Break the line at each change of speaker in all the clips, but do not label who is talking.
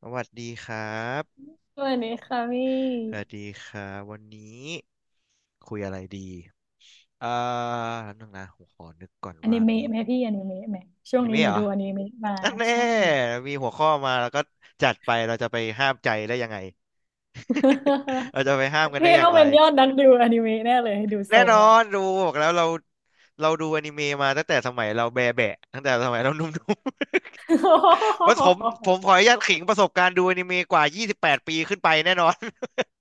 สวัสดีครับ
สวัสดีค่ะพี
สวัส
่
ดีครับวันนี้คุยอะไรดีอ่าแล้วนึงนะผมขอนึกก่อน
อ
ว่า
นิเมะ
มี
ไหมพี่อนิเมะไหมช่
อ
วง
นิ
นี้
เมะ
หนู
เหรอ
ดูอนิเมะมา
อันแน่
ใช่
มีหัวข้อมาแล้วก็จัดไปเราจะไปห้ามใจได้ยังไง เราจะไปห้ามกันได้
พี่
อย่า
ต้
ง
อง
ไร
เป็นยอดนักดูอนิเมะแน่เลยดูท
แน่
รง
นอ
ละ
นดูบอกแล้วเรา ดูอนิเมะมาตั้งแต่สมัยเราแบะแบะตั้งแต่สมัยเราหนุ่มๆ ว่าผมขออนุญาตขิงประสบการณ์ดูอนิเมะกว่า28ปดปีขึ้นไปแน่นอน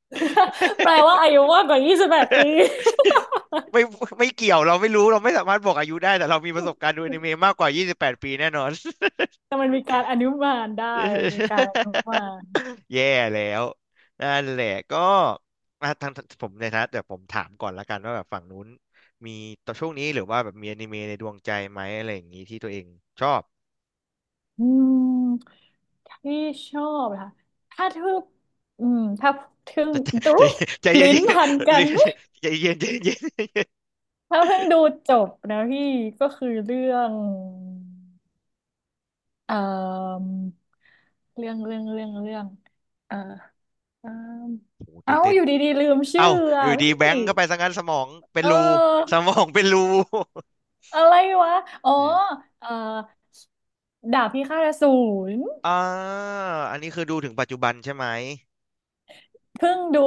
แปลว่าอายุมากกว่ายี่สิบแปดปี
ไม่ ไม่เกี่ยวเราไม่รู้เราไม่สามารถบอกอายุได้แต่เรามีประสบการณ์ดูอ นิเมะมากกว่ายี่สิบแปดปีแน่นอน
แต่มันมีการอนุมานได้มีการอนุมา น
แย่แล้วนั่นแหละก็ทางงผมในฐานะแต่ผมถามก่อนละกันว่าแบบฝั่งนู้นมีตอนช่วงนี้หรือว่าแบบมีอนิเมะในดวงใจไหมอะไรอย่างนี้ที่ตัวเองชอบ
อืมที่ชอบค่ะถ้าทึ่งถ้าทึ่งอุ้
ใจ
ย
ใจเย็น
ลิ้น
ๆ
พันกันดุย
ใจเย็นใจเย็น
ถ้าเพิ่งดูจบนะพี่ก็คือเรื่อง เอ่อเรื่องเอ่อเอ่อ
โอ้โห
เอ้า
ตื่นเต้น
อยู่ดีๆลืมชื่อ
เอ้าอ
อ่ะ
ยู่
พ
ดีแบ
ี่
งค์เข้าไปซะงั้นสมองเป็น
เอ
รูส
อ
มองเป็นรู
อะไรวะอ๋อ
เออ
เอ่อดาบพิฆาตอสูร
อ่าอันนี้คือดูถึงปัจจุบันใช่ไหม
เพิ่งดู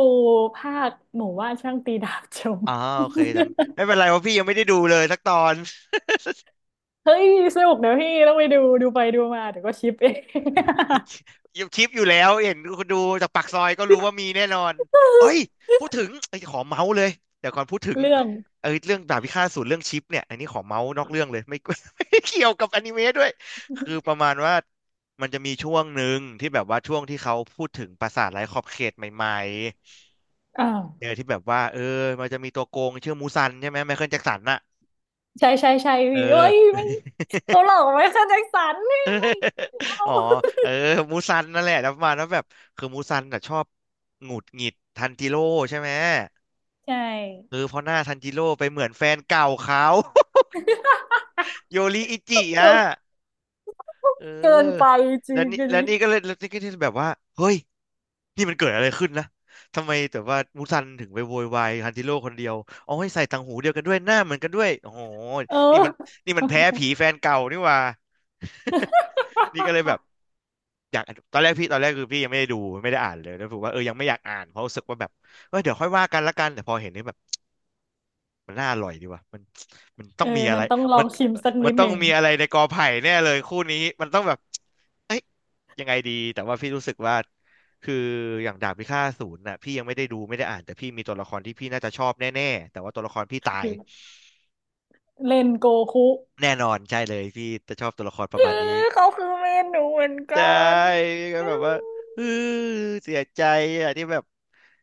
ภาคหมู่ว่านช่างตีดาบชม
อ๋อโอเคแต่ไม่เป็นไรเพราะพี่ยังไม่ได้ดูเลยสักตอน
เฮ้ยสนุกเดี๋ยวพี่ต้องไปดูไปดูมาเดี๋ยวก็ชิปเอง
อยังคลิปอยู่แล้วเห็นคุณดูจากปากซอยก็รู้ว่ามีแน่นอนเอ้ยพูดถึงไอ้ยขอเมาส์เลยเดี๋ยวก่อนพูดถึ ง
เรื่อง
เออเรื่องดาบพิฆาตอสูรเรื่องชิปเนี่ยอันนี้ขอเมาส์นอกเรื่องเลยไม่ ไม่เกี่ยวกับอนิเมะด้วยคือประมาณว่ามันจะมีช่วงหนึ่งที่แบบว่าช่วงที่เขาพูดถึงปราสาทไร้ขอบเขตใหม่
อ่
ๆเออ
า
ที่แบบว่าเออมันจะมีตัวโกงชื่อมูซันใช่ไหมไมเคิลแจ็คสันน่ะ
ใช่ใช่ใช่
เอ
พี่เอ้
อ
ยไม่ เขาหลอกไว้ค่ะแจ็คสันนี่ไม่ เอา
อ๋อเออ มูซันนั่นแหละแล้วประมาณว่าแบบคือมูซันน่ะชอบหงุดหงิดทันจิโร่ใช่ไหม
ใช่
เออเพราะหน้าทันจิโร่ไปเหมือนแฟนเก่าเขา โยริอิจิอ่ะเ
เกินไป
ออ
จริ
แล้ว
ง
นี่
อัน
แล้ว
นี้
นี่ก็เลยแล้วนี่ก็ที่แบบว่าเฮ้ยนี่มันเกิดอะไรขึ้นนะทำไมแต่ว่ามูซันถึงไปโวยวายทันจิโร่คนเดียวเอาให้ใส่ต่างหูเดียวกันด้วยหน้าเหมือนกันด้วยโอ้โห
เอ
นี่มัน
อ
นี่มันแพ้ผีแฟนเก่านี่หว่า นี่ก็เลยแบบ อยากตอนแรกพี่ตอนแรกคือพี่ยังไม่ได้ดูไม่ได้อ่านเลยแล้วผมว่าเออยังไม่อยากอ่านเพราะรู้สึกว่าแบบเออเดี๋ยวค่อยว่ากันละกันแต่พอเห็นนี่แบบมันน่าอร่อยดีว่ะมันมันต้
เอ
อง
อ
มีอะ
มั
ไร
นต้องลอ
มั
ง
น
ชิมสัก
มั
นิ
น
ด
ต้อ
ห
ง
นึ่ง
มีอะไรในกอไผ่แน่เลยคู่นี้มันต้องแบบเอ้ยยังไงดีแต่ว่าพี่รู้สึกว่าคืออย่างดาบพิฆาตอสูรน่ะพี่ยังไม่ได้ดูไม่ได้อ่านแต่พี่มีตัวละครที่พี่น่าจะชอบแน่ๆแต่ว่าตัวละครพี่ตา
คื
ย
อเล่นโกคุ
แน่นอนใช่เลยพี่จะชอบตัวละครป
เอ
ระ
อ
มาณนี้
เขาคือเมนหนูเหมือนกั
ใช่
น
ก็
อื
แบบว่า
ม
เออเสียใจอ่ะที่แบบ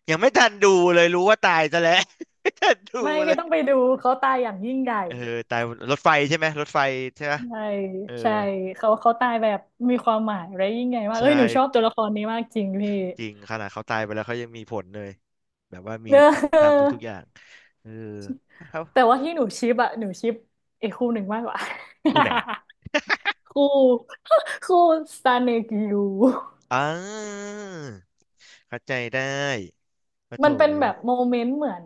ยังไม่ทันดูเลยรู้ว่าตายซะแล้ว ไม่ทันดู
ไม่
เล
พี่
ย
ต้องไปดูเขาตายอย่างยิ่งใหญ่
เออตายรถไฟใช่ไหมรถไฟใช่ไหม
ใช่
เออ
ใช่เขาตายแบบมีความหมายและยิ่งใหญ่มากเอ้
ใช่
ยหนูชอบตัวละครนี้มากจริงพี่
จริงขนาดเขาตายไปแล้วเขายังมีผลเลยแบบว่ามีทุก
เออ
ทำทุกๆอย่างเออเขา
แต่ว่าที่หนูชิปอะหนูชิปไอ้คู่หนึ่งมากกว่า
คู่ไหน
คู่ คู่ซาเนกิยู
อ่าเข้าใจได้มาโถ
มันเป็น
เอ
แบ
อ
บโมเมนต์เหมือน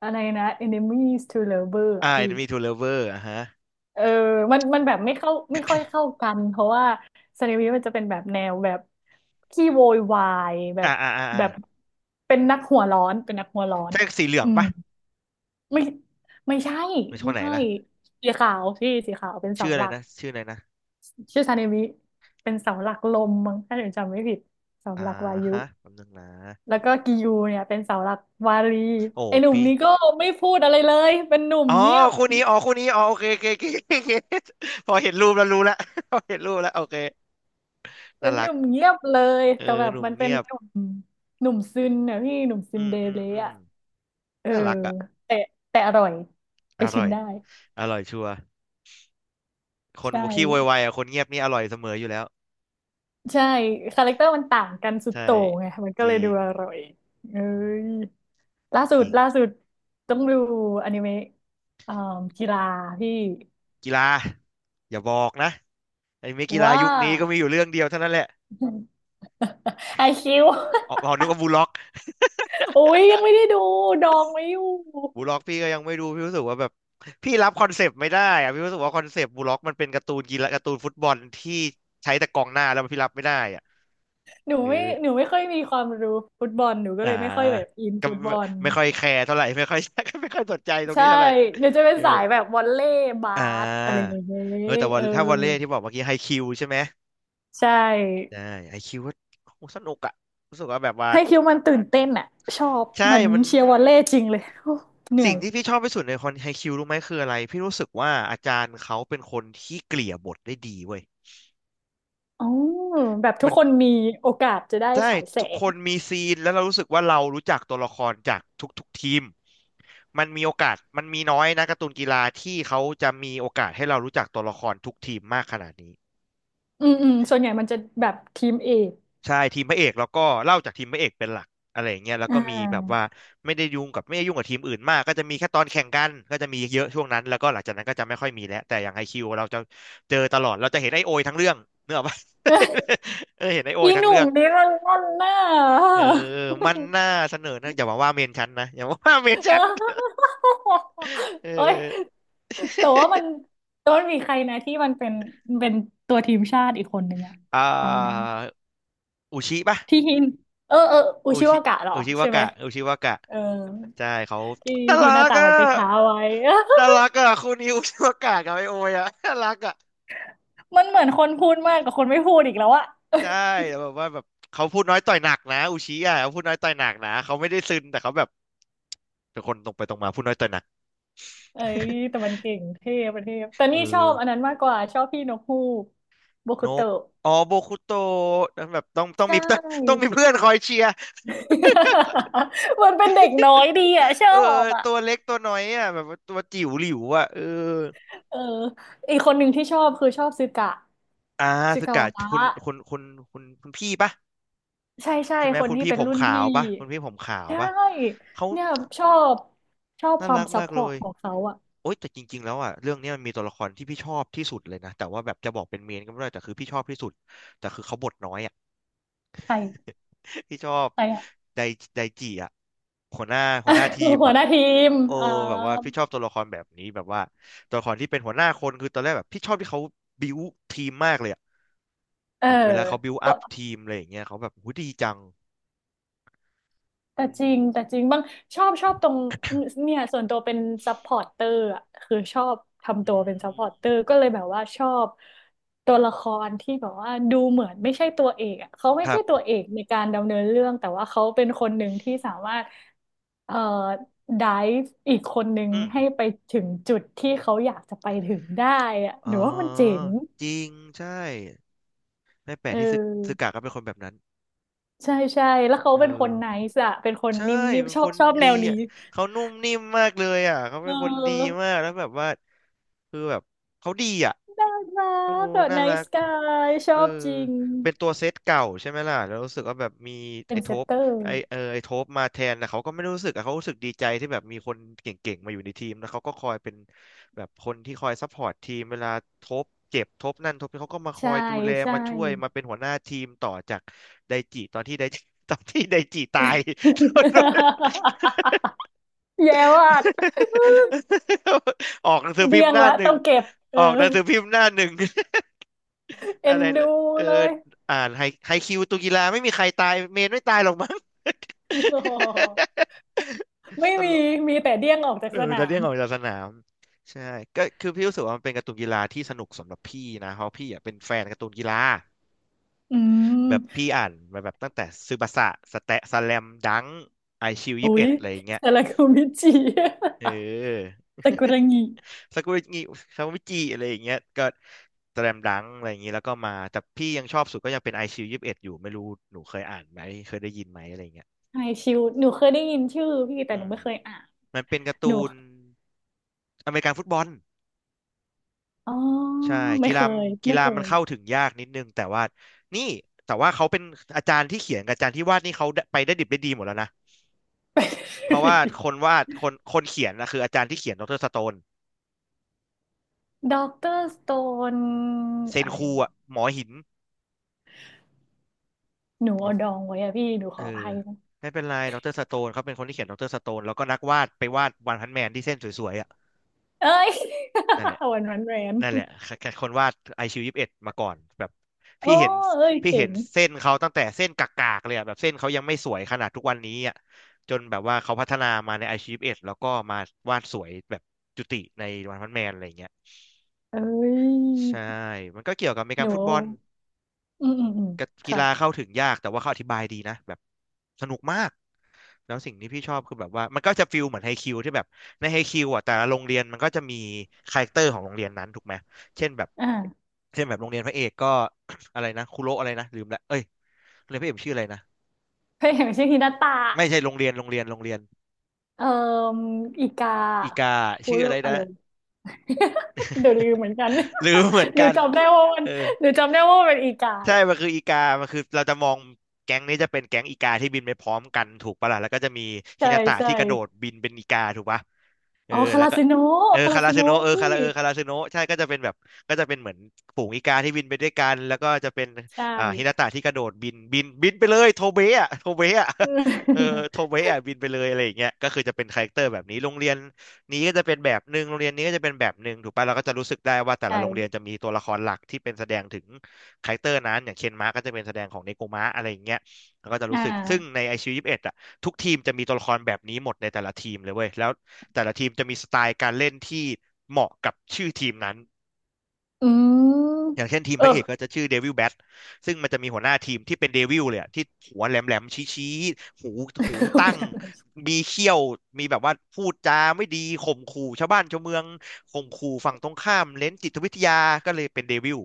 อะไรนะ enemies to lover อ่ะ
e
พี่
n ทูเล o l o v e อ่ะฮะ
เออมันแบบไม่เข้าไม่ค่อยเข้ากันเพราะว่าซานิมิมันจะเป็นแบบแนวแบบขี้โวยวายแบ
อ่า
บ
อ่าอ่าอ่า
แบบเป็นนักหัวร้อนเป็นนักหัวร้อน
ใช่สีเหลือ
อื
ง
ม
ปะ
ไม่ไม่ใช่
เป็นชค
ไม่
นไหน
ใช่
นะ
สีขาวพี่สีขาวเป็นเสา
ชื่ออะ
ห
ไร
ลัก
นะชื่ออะไรนะ
ชื่อซานิมิเป็นเสาหลักลมมั้งถ้าผมจำไม่ผิดเสา
อ่า
หลักวายุ
ฮะแป๊บนึงนะ
แล้วก็กิยูเนี่ยเป็นเสาหลักวารี
โอ้
ไอ้หนุ่ม
พี่
นี้ก็ไม่พูดอะไรเลยเป็นหนุ่ม
อ๋อ
เงียบ
คู่นี้อ๋อคู่นี้อ๋อโอเคโอเคโอเคโอเค พอเห็นรูปแล้วรู้แล้ว พอเห็นรูปแล้วโอเค
เป็
น่า
นห
รัก
นุ่มเงียบเลย
เอ
แต่
อ
แบบ
หนุ่ม
มันเป็
เงี
น
ยบ
หนุ่มหนุ่มซึนนะพี่หนุ่มซึ
อื
น
ม
เด
อื
เล
มอืม
อ่ะเออ
น่ารักอ่ะ
แต่แต่อร่อยไป
อ
ชิ
ร่
ม
อย
ได้
อร่อยชัวร์คน
ใช่
ขี้โวยวายอ่ะคนเงียบนี่อร่อยเสมออยู่แล้ว
ใช่คาแรคเตอร์มันต่างกันสุด
ใช่
โต่งไงมันก็
จ
เลย
ริ
ดู
ง
อร่อยเอ้
อืม
ยล่าสุ
จ
ด
ริง
ล่าสุดต้องดูอนิเมะอ่ากีฬาพี่
กีฬาอย่าบอกนะไอ้เมอกีฬา
ว่า
ยุคนี้ก็มีอยู่เรื่องเดียวเท่านั้นแหละ
ไอคิว
อ๋ออ๋อนึกว่าบูลล็อก
โอ้ยยังไม่ได้ดูดองไว้อยู่
บูล็อกพี่ก็ยังไม่ดูพี่รู้สึกว่าแบบพี่รับคอนเซปต์ไม่ได้อะพี่รู้สึกว่าคอนเซปต์บูล็อกมันเป็นการ์ตูนกีฬาการ์ตูนฟุตบอลที่ใช้แต่กองหน้าแล้วพี่รับไม่ได้อะ
หนู
หรือ
ไม่หนูไม่ค่อยมีความรู้ฟุตบอลหนูก็
อ่า
เลยไม่ค่อยแบบอิน
ก็
ฟุตบ
ไม่
อล
ไม่ค่อยแคร์เท่าไหร่ ไม่ค่อย ไม่ค่อยสนใจตรง
ใช่
นี้เท่าไหร่
หนูจะเป็น
เออ
สายแบบวอลเลย์บา
อ่
สอะไรอ
า
ย่างเงี้ย
เออแต่ว่า
เออ
ถ้าวอลเลย์ที่บอกเมื่อกี้ไฮคิวใช่ไหม
ใช่
ใช่ไฮคิวว่าโหสนุกอะรู้สึกว่าแบบว่า
ให้คิวมันตื่นเต้นอ่ะชอบ
ใช่
เหมือน
มัน
เชียร์วอลเลย์จริงเลย โอ้เหนื่
สิ่
อ
ง
ย
ที่พี่ชอบที่สุดในคอนไฮคิวรู้ไหมคืออะไรพี่รู้สึกว่าอาจารย์เขาเป็นคนที่เกลี่ยบทได้ดีเว้ย
อ๋อแบบทุ
มั
ก
น
คนมีโอกาสจะได้
ใช่
ฉายแส
ทุกค
ง
นมีซีนแล้วเรารู้สึกว่าเรารู้จักตัวละครจากทุกๆทีมมันมีโอกาสมันมีน้อยนะการ์ตูนกีฬาที่เขาจะมีโอกาสให้เรารู้จักตัวละครทุกทีมมากขนาดนี้
อืมอืมส่วนใหญ่มันจะแบบทีมเอก
ใช่ทีมพระเอกแล้วก็เล่าจากทีมพระเอกเป็นหลักอะไรอย่างเงี้ยแล้ว
อ่
ก็มีแบบว่า
า
ไม่ได้ยุ่งกับทีมอื่นมากก็จะมีแค่ตอนแข่งกันก็จะมีเยอะช่วงนั้นแล้วก็หลังจากนั้นก็จะไม่ค่อยมีแล้วแต่อย่างไอคิวเราจะเจอตลอดเราจะเห็นไอโอยทั้งเรื่องเนกอะปะ เออเห็นไอโอย
อีห
ทั้งเรื่
นุ่ม
อง
นี่มันงอนหน้า
เออมันน่าเสนอนะอย่ามาว่าเมนฉันนะอย่ามาว่าเมน
เอ
ฉัน
อ
เอ
เอ้ย
อ
แต่ว่ามันแต่ว่ามันมีใครนะที่มันเป็นเป็นตัวทีมชาติอีกคนหนึ่งอะ
อ่
ใครนะ
าอุชิปะ
ที่ฮินเออเอออุ
อุ
ชิ
ชิ
วากะเหรอ
อุชิวา
ใช่ไหม
กะอุชิวากะ
เออ
ใช่เขา
ที่
น่ารั
หน้า
ก
ตา
อะ
มันไปท้าไว้
น่ารักอะคู่นี้อุชิวากะกับไอโอยอะ น่ารักอะ
มันเหมือนคนพูดมากกว่าคนไม่พูดอีกแล้วอะ
ใช่แต่แบบว่าแบบเขาพูดน้อยต่อยหนักนะอุชิอะเขาพูดน้อยต่อยหนักนะเขาไม่ได้ซึนแต่เขาแบบเป็นคนตรงไปตรงมาพูดน้อยต่อยหนัก
เอ้ยแต่ มันเก่งเท่ประเทศแต่
เอ
นี่ชอบ
อ
อันนั้นมากกว่าชอบพี่นกฮูกโบ
น
คุ
ก
โตะ
อ๋อโบคุโตะแบบต้องต้อ
ใช
งมี ต้อง
่
มีเพื่อนคอยเชียร์
มันเป็นเด็กน้อยดีอะชอ
เออ
บอะ
ตัวเล็กตัวน้อยอ่ะแบบว่าตัวจิ๋วหลิวอ่ะเออ
เอออีกคนหนึ่งที่ชอบคือชอบซึกะ
อ่า
ซึ
สึ
กะ
กะ
วะ
คุณคุณคุณคุณพี่ปะ
ใช่ใช่
ใช่ไหม
คน
คุณ
ที่
พี่
เป็น
ผม
รุ่น
ขา
พี่
วปะคุณพี่ผมขาว
ใช่
ปะเขา
เนี่ยชอบ
น่า
ควา
รั
ม
ก
ซั
มา
พ
ก
พอ
เล
ร์ต
ย
ของเขาอะ
โอ๊ยแต่จริงๆแล้วอ่ะเรื่องเนี้ยมันมีตัวละครที่พี่ชอบที่สุดเลยนะแต่ว่าแบบจะบอกเป็นเมนก็ไม่ได้แต่คือพี่ชอบที่สุดแต่คือเขาบทน้อยอ่ะ
ใคร
พี่ชอบ
ใครอ่ะ
ไดไดจิอ่ะหัวหน้าหัวหน้าทีม
หัว
อ่ะ
หน้าทีม
เออ
อ่า
แบบว่าพี่ชอบตัวละครแบบนี้แบบว่าตัวละครที่เป็นหัวหน้าคนคือตอนแรกแบบพี่ชอบที่เขาบิวทีมมากเลยอะ
เออ
แบบเวลาเขาบิว
ก็
อัพทีมอะไรอย่างเงี้ยเขาแบบหูยดีจัง
แต่
อื
จริ
ม
งแต่จริงบ้างชอบตรงเนี่ยส่วนตัวเป็นซัพพอร์ตเตอร์อ่ะคือชอบทำ
อื
ตัวเป็นซัพพอร์ตเต
ม
อร์ก็เลยแบบว่าชอบตัวละครที่แบบว่าดูเหมือนไม่ใช่ตัวเอกอ่ะเขาไม่
ครั
ใช่ตัว
บ
เอกในการดำเนินเรื่องแต่ว่าเขาเป็นคนหนึ่งที่สามารถเอ่อไดฟ์อีกคนหนึ่ง
อืม
ให้ไปถึงจุดที่เขาอยากจะไปถึงได้อะ
อ๋
ห
อ
นูว่ามันเจ๋ง
จริง ใช่ไม่แปล
เ
กที่ซึกซึ
ออ
กากะก็เป็นคนแบบนั้น
ใช่ใช่แล้วเขา
เอ
เป็นค
อ
นไนซ์อะเป็นคน
ใช่
นิ่ม
เป็น
ๆชอ
ค
บ
น
แน
ดี
วนี้
อ่ะ เขานุ่มนิ่มมากเลยอ่ะ เขา
เอ
เป็นคนดีมา
อ
กแล้วแบบว่า คือแบบเขาดีอ่ะ
รัก
โอ้
เดอะ
น่า
ไน
รั
ท์
ก
สกายชอ
เออ
บจริง
เป็นตัวเซตเก่าใช่ไหมล่ะแล้วรู้สึกว่าแบบมี
เป็น
ไอ้โท
เซต
ป
เตอร์
ไอ้โทปมาแทนแต่เขาก็ไม่ได้รู้สึกอะเขารู้สึกดีใจที่แบบมีคนเก่งๆมาอยู่ในทีมแล้วเขาก็คอยเป็นแบบคนที่คอยซัพพอร์ตทีมเวลาโทปเจ็บโทปนั่นโทปนี่เขาก็มาคอ
ใช่
ยดูแล
ใช่
มาช่วยมาเป็นหัวหน้าทีมต่อจากไดจิตอนที่ไดจิ ตอนที่ไดจิตาย
แย่ว่ะ
ออกหนังสือ
เดี
พิม
ย
พ์
ง
หน้า
ละ
หนึ่
ต้อ
ง
งเก็บเอ
อ
อ
อกหนังสือพิมพ์หน้าหนึ่ง
เอ็
อะ
น
ไร
ดู
ะเออ
เลย
อ่านไฮคิวตุกีฬาไม่มีใครตายเมนไม่ตายหรอกมั้ง
โอ้โห ไม่
ต
มี
ลก
มีแต่เดี้ยงออกจาก
เอ
ส
อ
นา
จะเรีย
ม
กออกจากสนามใช่ก็คือพี่รู้สึกว่ามันเป็นการ์ตูนกีฬาที่สนุกสำหรับพี่นะเพราะพี่อ่ะเป็นแฟนการ์ตูนกีฬา
อื
แบบ
ม
พี่อ่านมาแบบตั้งแต่ซึบาสะสแตะสแลมดังไอชิวยสิ
อุ้
บเอ็
ย
ดอะไรอย่างเงี้ย
ซาลากูมิจิ
เออ
ซากุระ งิ
ซากุระงิซากุระจิอะไรอย่างเงี้ยก็แตรมดังอะไรอย่างงี้แล้วก็มาแต่พี่ยังชอบสุดก็ยังเป็นไอซิวยี่สิบเอ็ดอยู่ไม่รู้หนูเคยอ่านไหมเคยได้ยินไหมอะไรอย่างเงี้ย
ไฮชิวหนูเคยได้ยินชื่อพี่แต่
อื
หนู
ม
ไม่เคยอ่าน
มันเป็นการ์
หนู
ตูนอเมริกันฟุตบอล
อ๋อ
ใช่
ไม่
กี
เค
ฬา
ย
กี
ไม่
ฬา
เค
มัน
ย
เข้าถึงยากนิดนึงแต่ว่านี่แต่ว่าเขาเป็นอาจารย์ที่เขียนกับอาจารย์ที่วาดนี่เขาได้ไปได้ดิบได้ดีหมดแล้วนะ
ไ
เพราะ
ป
ว่าคนวาดคนคนเขียนนะคืออาจารย์ที่เขียนดรสโตน
ด็อกเตอร์สโตน
เซน
อะไร
คู
นะ
อะหมอหิน
หนูเอาดองไว้อะพี่หนูข
เออ
ออภัยนะ
ไม่เป็นไรดรสโตนเขาเป็นคนที่เขียนดรสโตนแล้วก็นักวาดไปวาดวันพันแมนที่เส้นสวยๆอ่ะ
เอ้ย
นั่นแหละ
วันวันแรน
นั่นแหละคนวาดไอคิวยี่สิบเอ็ดมาก่อนแบบ
โอ้
พี่เห็น
เอ้ย
พี่
เจ๋
เห็น
ง
เส้นเขาตั้งแต่เส้นกากๆเลยอะแบบเส้นเขายังไม่สวยขนาดทุกวันนี้อ่ะจนแบบว่าเขาพัฒนามาในไอคิวยี่สิบเอ็ดแล้วก็มาวาดสวยแบบจุติในวันพันแมนอะไรอย่างเงี้ย
เอ้
ใช่
ย
มันก็เกี่ยวกับอเมริ
ห
กั
นู
นฟุตบอล
อืมอืมอืม
กะกี
ค่ะ
ฬาเข้าถึงยากแต่ว่าเขาอธิบายดีนะแบบสนุกมากแล้วสิ่งที่พี่ชอบคือแบบว่ามันก็จะฟิลเหมือนไฮคิวที่แบบในไฮคิวอ่ะแต่ละโรงเรียนมันก็จะมีคาแรคเตอร์ของโรงเรียนนั้นถูกไหมเช่นแบบ
อ่า
เช่นแบบโรงเรียนพระเอกก็ อะไรนะคุโระอะไรนะลืมละเอ้ยโรงเรียนพระเอกชื่ออะไรนะ
เคยเห็นชื่อฮินาตะ
ไม่ใช่โรงเรียน
เอ่ออีกา
อีกา
ฮู
ชื่อ
โร
อะไร
อะไร
นะ
วะ เดี๋ยวลืมเหมือนกัน
ลืมเหมือน
หนู
กัน
จำได้ว่ามัน
เออ
หนูจำได้ว่ามันเป็นอีกา
ใช่
แหละ
มันคืออีกามันคือเราจะมองแก๊งนี้จะเป็นแก๊งอีกาที่บินไปพร้อมกันถูกปะล่ะแล้วก็จะมีฮิ
ใช่
นาตะ
ใช่
ที่กระโดดบินเป็นอีกาถูกปะเอ
อ๋
อ
อคา
แล้ว
รา
ก็
ซิโนะ
เออ
คารา
คารา
ซิ
ซึ
โนะ
โนะ
พี่
คาราซึโนะใช่ก็จะเป็นแบบก็จะเป็นเหมือนฝูงอีกาที่บินไปด้วยกันแล้วก็จะเป็น
ใช่
อ่าฮินาตะที่กระโดดบินไปเลยโทเบะอะเออโท เบะอะบินไปเลยอะไรอย่างเงี้ยก็คือจะเป็นคาแรคเตอร์แบบนี้โรงเรียนนี้ก็จะเป็นแบบหนึ่งโรงเรียนนี้ก็จะเป็นแบบหนึ่งถูกปะเราก็จะรู้สึกได้ว่าแต่ละโรงเรียน
ใช่
จะมีตัวละครหลักที่เป็นแสดงถึง คาแรคเตอร์นั้นอย่างเคนมาร์ก็จะเป็นแสดงของเนโกมะอะไรอย่างเงี้ยแล้วก็จะ
อ่
รู้สึกซึ่งใน
า
ไอชิว21อ่ะทุกทีมจะมีตัวละครแบบนี้หมดในแต่ละทีมเลยเว้ยแล้วแต่ละทีมจะมีสไตล์การเล่นที่เหมาะกับชื่อทีมนั้น
อื
อ
ม
ย่างเช่นทีมพ
เอ
ระ
อ
เอกก็จะชื่อเดวิลแบทซึ่งมันจะมีหัวหน้าทีมที่เป็นเดวิลเลยอะที่หัวแหลมๆชี้ๆหูหู
วั
ตั้
น
ง
นั้น
มีเขี้ยวมีแบบว่าพูดจาไม่ดีข่มขู่ชาวบ้านชาวเมืองข่มขู่ฝั่งตรงข้ามเล่นจิตวิทยาก็เลยเป็นเดวิล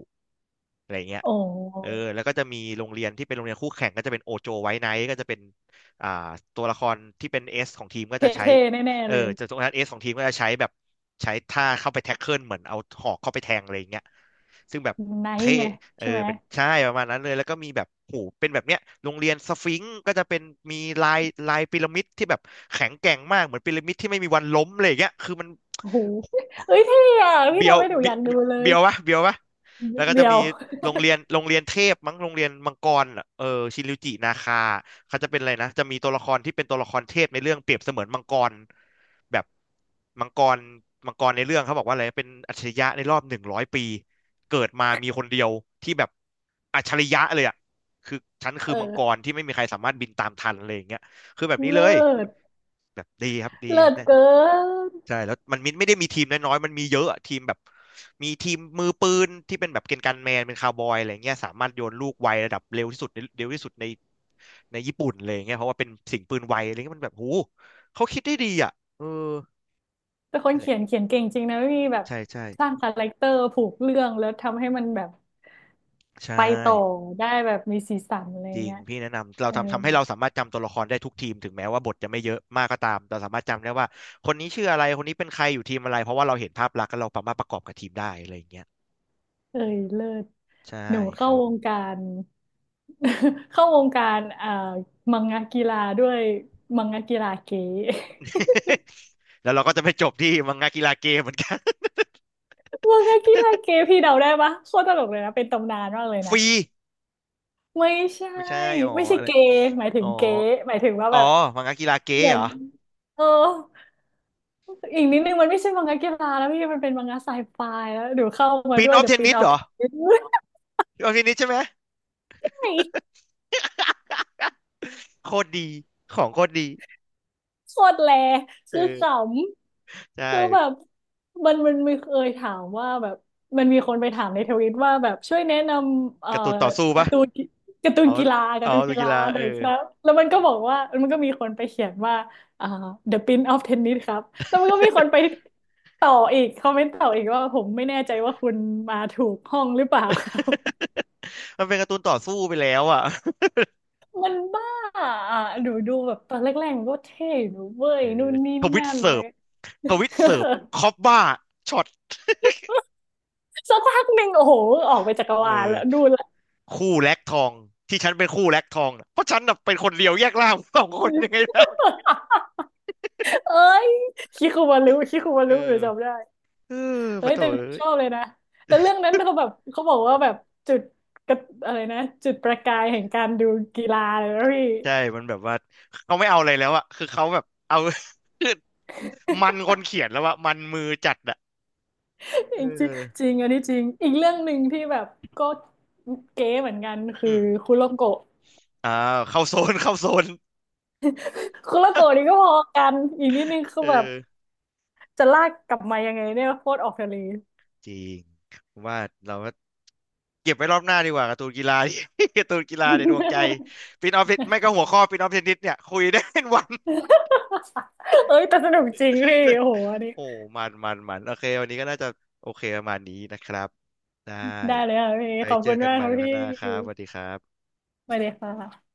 อะไรเงี้ย
โอ
เออ
้
แล้วก็จะมีโรงเรียนที่เป็นโรงเรียนคู่แข่งก็จะเป็นโอโจไว้ไนท์ก็จะเป็นอ่าตัวละครที่เป็นเอสของทีมก็
เ
จะใช้
ท่ๆแน่
เอ
ๆ
อ
เลย
จะตัวนั้นเอสของทีมก็จะใช้แบบใช้ท่าเข้าไปแท็กเกิลเหมือนเอาหอกเข้าไปแทงอะไรอย่างเงี้ยซึ่งแบบ
ไนท์
เท่
ไง
เออ
ใช่ไหม
เป็นใช่ประมาณนั้นเลยแล้วก็มีแบบหูเป็นแบบเนี้ยโรงเรียนสฟิงค์ก็จะเป็นมีลายลายพีระมิดที่แบบแข็งแกร่งมากเหมือนพีระมิดที่ไม่มีวันล้มเลยอย่างเงี้ยคือมัน
โอ้โห
โห
เอ้ยเท่อะพี่
เบียว
ทำให้หนู
เบี
อยากดูเล
เบี
ย
ยววะเบียววะแล้วก็จะ
เดี๋ย
มี
ว
โรงเรียนเทพมั้งโรงเรียนมังกรอะเออชินริวจินาคาเขาจะเป็นอะไรนะจะมีตัวละครที่เป็นตัวละครเทพในเรื่องเปรียบเสมือนมังกรแบบมังกรมังกรในเรื่องเขาบอกว่าอะไรเป็นอัจฉริยะในรอบ100 ปีเกิดมามีคนเดียวที่แบบอัจฉริยะเลยอ่ะคือฉันคือมังกร
เออ
ที่ไม่มีใครสามารถบินตามทันอะไรอย่างเงี้ยคือแบบนี้เล
เลิ
ย
ศ
แบบดีครับดี
เลิศ
แน่
เกิน
ใช่แล้วมันมิไม่ได้มีทีมน้อยๆมันมีเยอะอะทีมแบบมีทีมมือปืนที่เป็นแบบเกณฑ์การแมนเป็นคาวบอยอะไรเงี้ยสามารถโยนลูกไวระดับเร็วที่สุดในในญี่ปุ่นเลยเงี้ยเพราะว่าเป็นสิ่งปืนไวอะไรเงี้ยมันแบบหูเขาคิดได้ดีอ่ะเออ
แต่คน
นั่นแห
เขี
ละ
ยนเขียนเก่งจริงนะพี่แบบ
ใช่ใช่
สร้างคาแรคเตอร์ผูกเรื่องแล้วทำให้มันแบบ
ใช่
ไปต่อได้แบบมีสีสันอะไร
จริง
เงี้ย
พี่แนะนำเรา
เออ
ทำให้เราสามารถจำตัวละครได้ทุกทีมถึงแม้ว่าบทจะไม่เยอะมากก็ตามเราสามารถจำได้ว่าคนนี้ชื่ออะไรคนนี้เป็นใครอยู่ทีมอะไรเพราะว่าเราเห็นภาพลักษณ์แล้วเราสามารถประกอบกับทีมได้อะไรอย่างเงี้ย
เอ้ยเลิศ
ใช่
หนู
ค
เข้า
รับ
ว
ผ
ง
ม
การ เข้าวงการมังงะกีฬาด้วยมังงะกีฬาเก๋
แล้วเราก็จะไปจบที่มังงะกีฬาเกมเหมือนกัน
มังงะกีฬาเก๋พี่เดาได้ปะโคตรตลกเลยนะเป็นตำนานมากเลย
ฟ
นะ
รี
ไม่ใช่
ไม่ใช่อ๋อ
ไม่ใช่
อะไร
เกย์หมายถึ
อ๋
ง
อ
เก๋หมายถึงว่า
อ๋อ
แบบ
มังงะกีฬาเก
เห
ม
มือ
เหร
น
อ
เอออีกนิดนึงมันไม่ใช่มังงะกีฬาแล้วพี่มันเป็นมังงะไซไฟแล้วเดี๋ยวเข้ามา
ปิน
ด้วย
ออฟ
เดี๋
เท
ยว
น
ปีน
นิส
เอา
เหร
เท
อ
น
ปินออฟเทนนิสใช่ไหม โคตรดีของโคตรดี
โคตรแล
เอ
คือข
อใช่
ำคือแบบมันมีเคยถามว่าแบบมันมีคนไปถามในทวิตว่าแบบช่วยแนะนำ
การ์ตูนต่อสู้
กา
ปะ
ร์ตูนการ์ตู
อ๋
น
อ
กีฬากา
อ๋
ร์
อ
ตูน
ดู
กี
กี
ฬา
ฬา
ห
เอ
น่อย
อ
ครับแล้วมันก็
อืม
บอก ว่ามันก็มีคนไปเขียนว่าอ่า The Prince of Tennis ครับแล้วมันก็มีคนไปต่ออีกคอมเมนต์ต่ออีกว่าผมไม่แน่ใจว่าคุณมาถูกห้องหรือเปล่าครับ
มันเป็นการ์ตูนต่อสู้ไปแล้วอ่ะ
มันบ้าอ่ะหนูดูแบบตอนแรกๆมันก็เท่หนูเว้
เอ
ยนู่
อ
นนี่
ทวิต
นั่น
เสิ
เล
ร์ฟ
ย
ทวิตเสิร์ฟคอปบ้าช็อต
สักพักหนึ่งโอ้โหออกไปจักร
เอ
วาลแล้ว
อ
ดูแล
คู่แลกทองที่ฉันเป็นคู่แลกทองน่ะเพราะฉันน่ะเป็นคนเดียวแยกล่าง สองคนยังไง
เอ้ยคิคุมารุคิคุมา
เอ
รุหนู
อ
จำได้
เออ
เอ้
ปะ
ย
โถ
แต่หนู
เอ้
ช
ย
อบเลยนะ แต่เรื่องนั้นเขาแบบเขาบอกว่าแบบจุดกระอะไรนะจุดประกายแห่งการดูกีฬาเลยนะพี่
ใช่ มันแบบว่าเขาไม่เอาอะไรแล้วอะ คือเขาแบบเอา คือมันคนเขียนแล้วอะมันมือจัดอะ
จ
เอ
ริงจ
อ
ริงอันนี้จริงอีกเรื่องหนึ่งที่แบบก็เก๋เหมือนกันคือ
อืม
คุโรโกะ
อ่าเข้าโซน
คุโรโกะนี่ก็พอกันอีกนิดนึงคื
เอ
อแบบ
อ
จะลากกลับมายังไงเนี่ยโคตรออกทะเล
จริงผมว่าเราก็เก็บไว้รอบหน้าดีกว่าการ์ตูนกีฬา ที่ การ์ตูนกีฬาในดวงใจปินออฟไม่ก็หัวข้อปินออฟเทนนิสเนี่ยคุยได้เป็นวัน
เอ้ยแต่สนุกจริงพี่โอ้โห อันนี้
โอ้มันโอเควันนี้ก็น่าจะโอเคประมาณนี้นะครับได้
ได้เลยค่ะพี่
ไป
ขอบ
เจ
คุ
อ
ณ
กัน
มาก
ให
ค
ม่
รับ
ในวกั
พี่
นหน้าครับสวัสดีครับ
สวัสดีค่ะ